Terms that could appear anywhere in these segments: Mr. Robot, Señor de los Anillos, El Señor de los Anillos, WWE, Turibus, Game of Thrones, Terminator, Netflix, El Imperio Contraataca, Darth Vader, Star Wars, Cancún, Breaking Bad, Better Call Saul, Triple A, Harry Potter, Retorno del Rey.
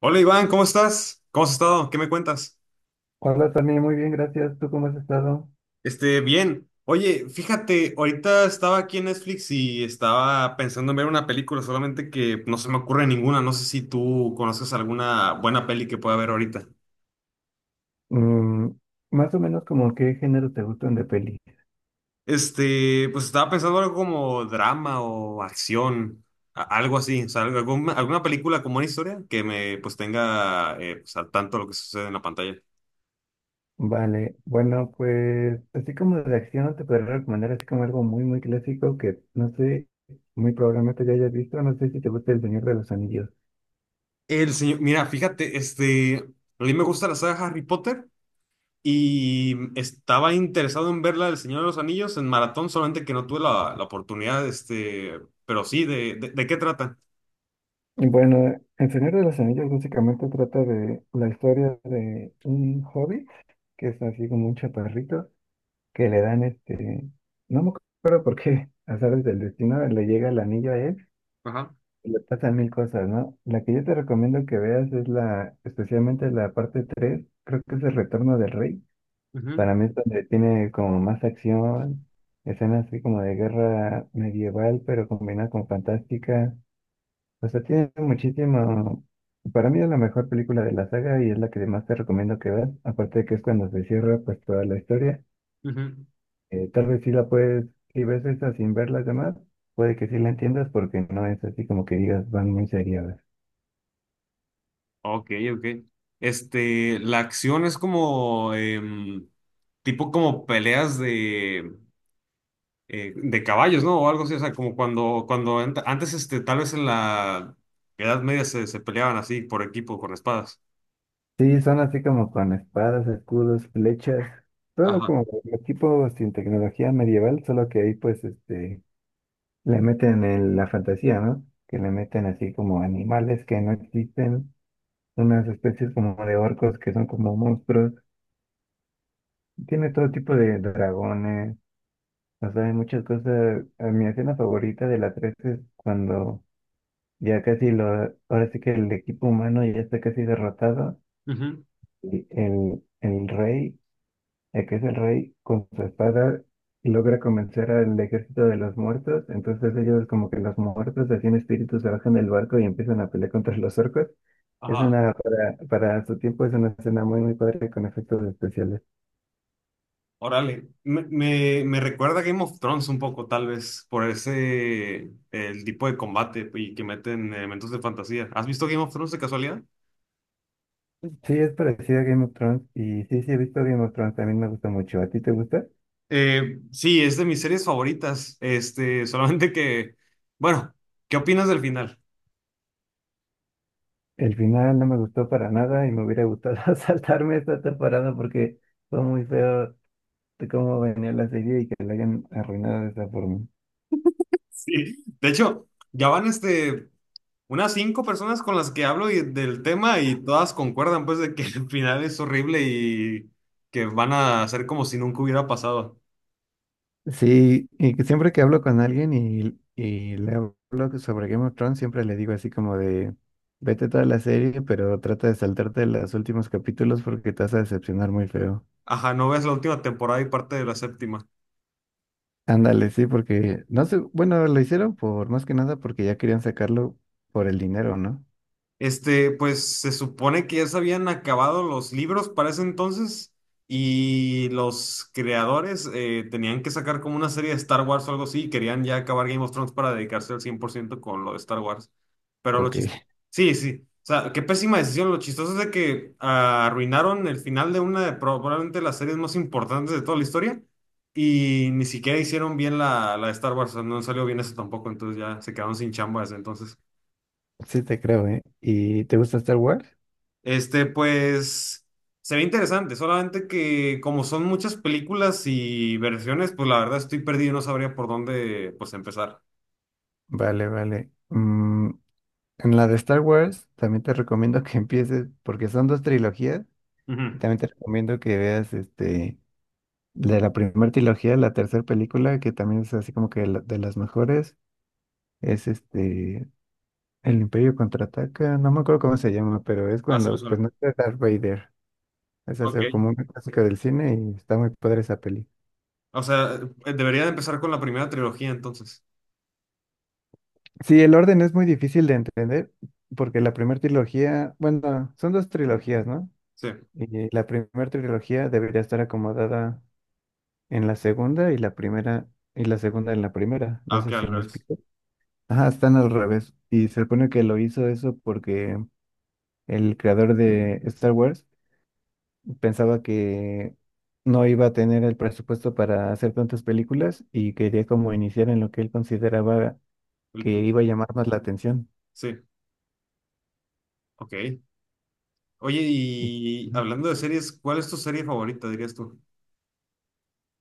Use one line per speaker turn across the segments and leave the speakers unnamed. Hola Iván, ¿cómo estás? ¿Cómo has estado? ¿Qué me cuentas?
Hola, también muy bien, gracias. ¿Tú cómo has estado?
Bien. Oye, fíjate, ahorita estaba aquí en Netflix y estaba pensando en ver una película, solamente que no se me ocurre ninguna. No sé si tú conoces alguna buena peli que pueda ver ahorita.
Mm, más o menos como qué género te gustan de peli.
Pues estaba pensando algo como drama o acción, algo así. O sea, alguna, alguna película con buena historia que me pues tenga pues, al tanto de lo que sucede en la pantalla.
Vale, bueno, pues así como de acción te podría recomendar así como algo muy, muy clásico que no sé, muy probablemente ya hayas visto, no sé si te gusta El Señor de los Anillos.
El señor, mira, fíjate, a mí me gusta la saga Harry Potter. Y estaba interesado en verla del Señor de los Anillos en maratón, solamente que no tuve la oportunidad, pero sí, de qué trata?
Y bueno, El Señor de los Anillos básicamente trata de la historia de un hobbit que es así como un chaparrito que le dan no me acuerdo por qué, azares del destino, le llega el anillo a él.
Ajá.
Le pasan mil cosas, ¿no? La que yo te recomiendo que veas es especialmente la parte 3, creo que es el Retorno del Rey.
Ujú,
Para mí es donde tiene como más acción, escenas así como de guerra medieval, pero combinada con fantástica. O sea, tiene muchísimo, para mí es la mejor película de la saga y es la que más te recomiendo que veas. Aparte de que es cuando se cierra pues toda la historia.
ujú.
Tal vez sí la puedes, si ves esa sin ver las demás, puede que sí la entiendas porque no es así como que digas, van muy serias.
Ok, ok. La acción es como, tipo como peleas de caballos, ¿no? O algo así, o sea, como cuando, cuando antes, tal vez en la Edad Media se, se peleaban así por equipo, con espadas.
Sí, son así como con espadas, escudos, flechas, todo
Ajá.
como el tipo sin tecnología medieval, solo que ahí pues le meten la fantasía, ¿no? Que le meten así como animales que no existen, unas especies como de orcos que son como monstruos, tiene todo tipo de dragones, o sea, hay muchas cosas. A mi escena favorita de la 3 es cuando ya casi lo, ahora sí que el equipo humano ya está casi derrotado
Ujú,
y el rey ya que es el rey, con su espada logra convencer al ejército de los muertos. Entonces ellos como que los muertos, así en espíritu, se bajan del barco y empiezan a pelear contra los orcos. Es
ajá.
para su tiempo es una escena muy, muy padre con efectos especiales.
Órale, me recuerda a Game of Thrones un poco, tal vez, por ese, el tipo de combate y que meten elementos de fantasía. ¿Has visto Game of Thrones de casualidad?
Sí, es parecido a Game of Thrones y sí, sí, he visto Game of Thrones, también me gusta mucho. ¿A ti te gusta?
Sí, es de mis series favoritas. Solamente que, bueno, ¿qué opinas del final?
El final no me gustó para nada y me hubiera gustado saltarme esta temporada porque fue muy feo de cómo venía la serie y que la hayan arruinado de esa forma.
Sí. De hecho, ya van unas cinco personas con las que hablo y, del tema y todas concuerdan pues de que el final es horrible y que van a hacer como si nunca hubiera pasado.
Sí, y que siempre que hablo con alguien y le hablo sobre Game of Thrones, siempre le digo así como de, vete toda la serie, pero trata de saltarte los últimos capítulos porque te vas a decepcionar muy feo.
Ajá, no ves la última temporada y parte de la séptima.
Ándale, sí, porque, no sé, bueno, lo hicieron por, más que nada porque ya querían sacarlo por el dinero, ¿no?
Pues se supone que ya se habían acabado los libros para ese entonces y los creadores tenían que sacar como una serie de Star Wars o algo así y querían ya acabar Game of Thrones para dedicarse al 100% con lo de Star Wars. Pero lo
Porque
chistoso... Sí, sí. O sea, qué pésima decisión. Lo chistoso es de que ah, arruinaron el final de una de probablemente las series más importantes de toda la historia y ni siquiera hicieron bien la de Star Wars. O sea, no salió bien eso tampoco, entonces ya se quedaron sin chamba desde entonces.
sí te creo, ¿eh? ¿Y te gusta Star Wars?
Pues, se ve interesante, solamente que como son muchas películas y versiones, pues la verdad estoy perdido, no sabría por dónde, pues, empezar.
Vale, vale. En la de Star Wars también te recomiendo que empieces, porque son dos trilogías, y
Ujú.
también te recomiendo que veas este... De la primera trilogía, la tercera película, que también es así como que de las mejores, es El Imperio Contraataca, no me acuerdo cómo se llama, pero es
Así me
cuando, pues no
suena.
está Darth Vader. Esa es
Ok.
como una clásica del cine y está muy padre esa peli.
O sea, debería de empezar con la primera trilogía entonces.
Sí, el orden es muy difícil de entender, porque la primera trilogía, bueno, son dos trilogías, ¿no?
Sí.
Y la primera trilogía debería estar acomodada en la segunda y la primera, y la segunda en la primera. No sé
Aunque
si
al
me
revés.
explico. Ajá, están al revés. Y se supone que lo hizo eso porque el creador de Star Wars pensaba que no iba a tener el presupuesto para hacer tantas películas y quería como iniciar en lo que él consideraba
El
que
pi-
iba a llamar más la atención.
Sí. Ok. Oye,
Y
y
Ujú.
hablando de series, ¿cuál es tu serie favorita, dirías tú?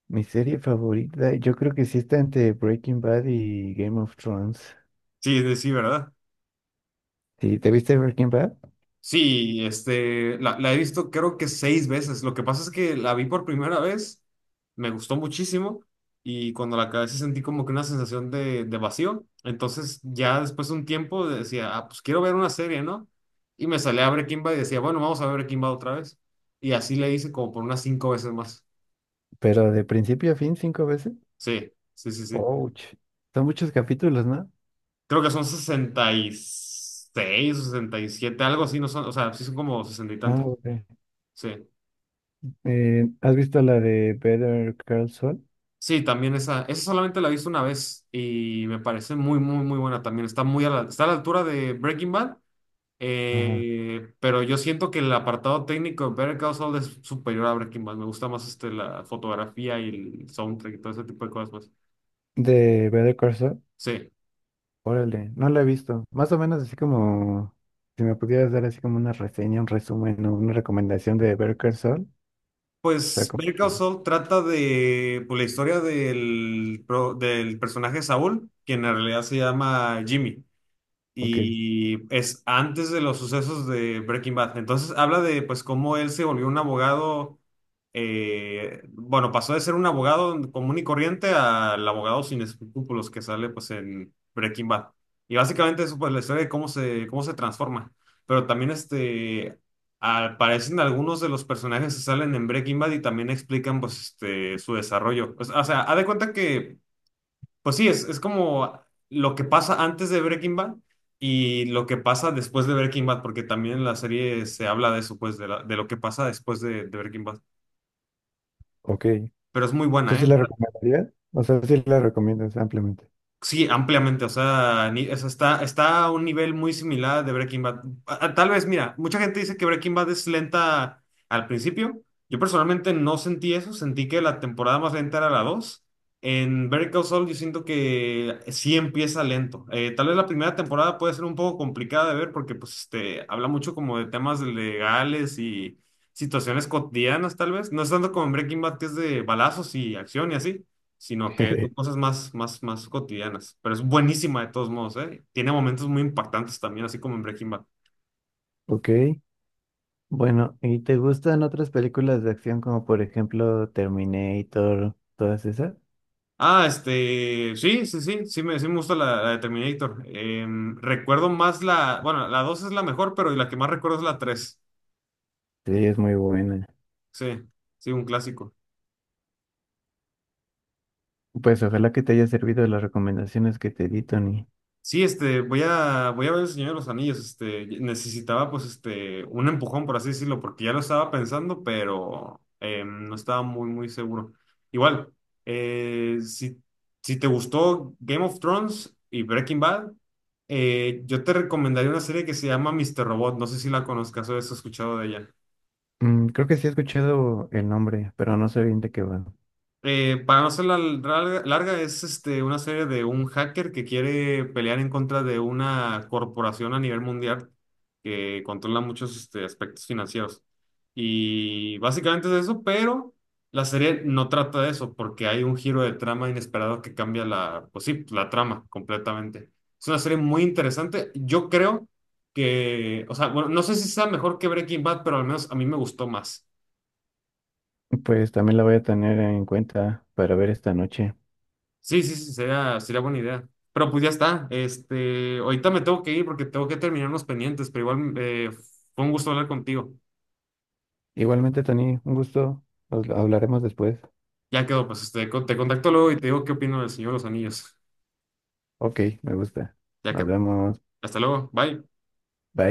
Mi serie favorita, yo creo que sí está entre Breaking Bad y Game of Thrones.
Sí, sí, ¿verdad?
Sí, ¿te viste Breaking Bad?
Sí, la he visto creo que seis veces. Lo que pasa es que la vi por primera vez, me gustó muchísimo y cuando la acabé sí sentí como que una sensación de vacío. Entonces ya después de un tiempo decía, ah, pues quiero ver una serie, ¿no? Y me salía a Breaking Bad y decía, bueno, vamos a ver Breaking Bad otra vez. Y así le hice como por unas cinco veces más.
Pero de principio a fin cinco veces.
Sí, sí, sí, sí.
Ouch. Son muchos capítulos, ¿no?
Creo que son 66 o 67, algo así, no son, o sea, sí son como sesenta y
Ah,
tantos.
ok.
Sí.
¿Has visto la de Better Call Saul?
Sí, también esa solamente la he visto una vez y me parece muy, muy, muy buena también. Está muy a la, está a la altura de Breaking Bad,
Ajá.
pero yo siento que el apartado técnico de Better Call Saul es superior a Breaking Bad. Me gusta más la fotografía y el soundtrack y todo ese tipo de cosas más.
De Better Call Saul.
Sí.
Órale, no la he visto. Más o menos así como, si me pudieras dar así como una reseña, un resumen o una recomendación de Better Call Saul. Está
Pues
como,
Better Call Saul trata de pues, la historia del, del personaje Saúl, quien en realidad se llama Jimmy.
ok,
Y es antes de los sucesos de Breaking Bad. Entonces habla de pues cómo él se volvió un abogado, bueno, pasó de ser un abogado común y corriente al abogado sin escrúpulos que sale pues en Breaking Bad. Y básicamente eso pues la historia de cómo se transforma. Pero también aparecen algunos de los personajes que salen en Breaking Bad y también explican pues su desarrollo. O sea, haz de cuenta que... Pues sí, es como lo que pasa antes de Breaking Bad y lo que pasa después de Breaking Bad, porque también en la serie se habla de eso, pues, de, de lo que pasa después de Breaking Bad.
ok.
Pero es muy
¿Tú
buena,
sí
¿eh?
la recomendarías? O sea, sí la recomiendas ampliamente.
Sí, ampliamente, o sea, o sea, está, está a un nivel muy similar de Breaking Bad. Tal vez, mira, mucha gente dice que Breaking Bad es lenta al principio. Yo personalmente no sentí eso, sentí que la temporada más lenta era la dos. En Better Call Saul yo siento que sí empieza lento. Tal vez la primera temporada puede ser un poco complicada de ver porque pues habla mucho como de temas legales y situaciones cotidianas tal vez. No es tanto como en Breaking Bad que es de balazos y acción y así, sino que son cosas más, más, más cotidianas. Pero es buenísima de todos modos, ¿eh? Tiene momentos muy impactantes también, así como en Breaking Bad.
Ok, bueno, ¿y te gustan otras películas de acción como por ejemplo Terminator, todas esas?
Ah, sí, sí, sí, sí me gusta la de Terminator. Recuerdo más la, bueno, la 2 es la mejor, pero la que más recuerdo es la tres.
Sí, es muy buena.
Sí, sí, un clásico.
Pues ojalá que te haya servido las recomendaciones que te di, Tony.
Sí, voy a, voy a ver el Señor de los Anillos, necesitaba pues un empujón, por así decirlo, porque ya lo estaba pensando, pero no estaba muy, muy seguro. Igual, si, si te gustó Game of Thrones y Breaking Bad, yo te recomendaría una serie que se llama Mr. Robot, no sé si la conozcas o has escuchado de ella.
Mm, creo que sí he escuchado el nombre, pero no sé bien de qué va.
Para no hacerla larga, larga, es una serie de un hacker que quiere pelear en contra de una corporación a nivel mundial que controla muchos aspectos financieros. Y básicamente es eso, pero la serie no trata de eso porque hay un giro de trama inesperado que cambia la, pues sí, la trama completamente. Es una serie muy interesante. Yo creo que, o sea, bueno, no sé si sea mejor que Breaking Bad, pero al menos a mí me gustó más.
Pues también la voy a tener en cuenta para ver esta noche.
Sí, sí, sí, sería, sería buena idea. Pero pues ya está. Ahorita me tengo que ir porque tengo que terminar unos pendientes, pero igual fue un gusto hablar contigo.
Igualmente, Tony, un gusto. Nos hablaremos después.
Ya quedó, pues te contacto luego y te digo qué opino del Señor de los Anillos.
Ok, me gusta.
Ya
Nos
quedó.
vemos.
Hasta luego. Bye.
Bye.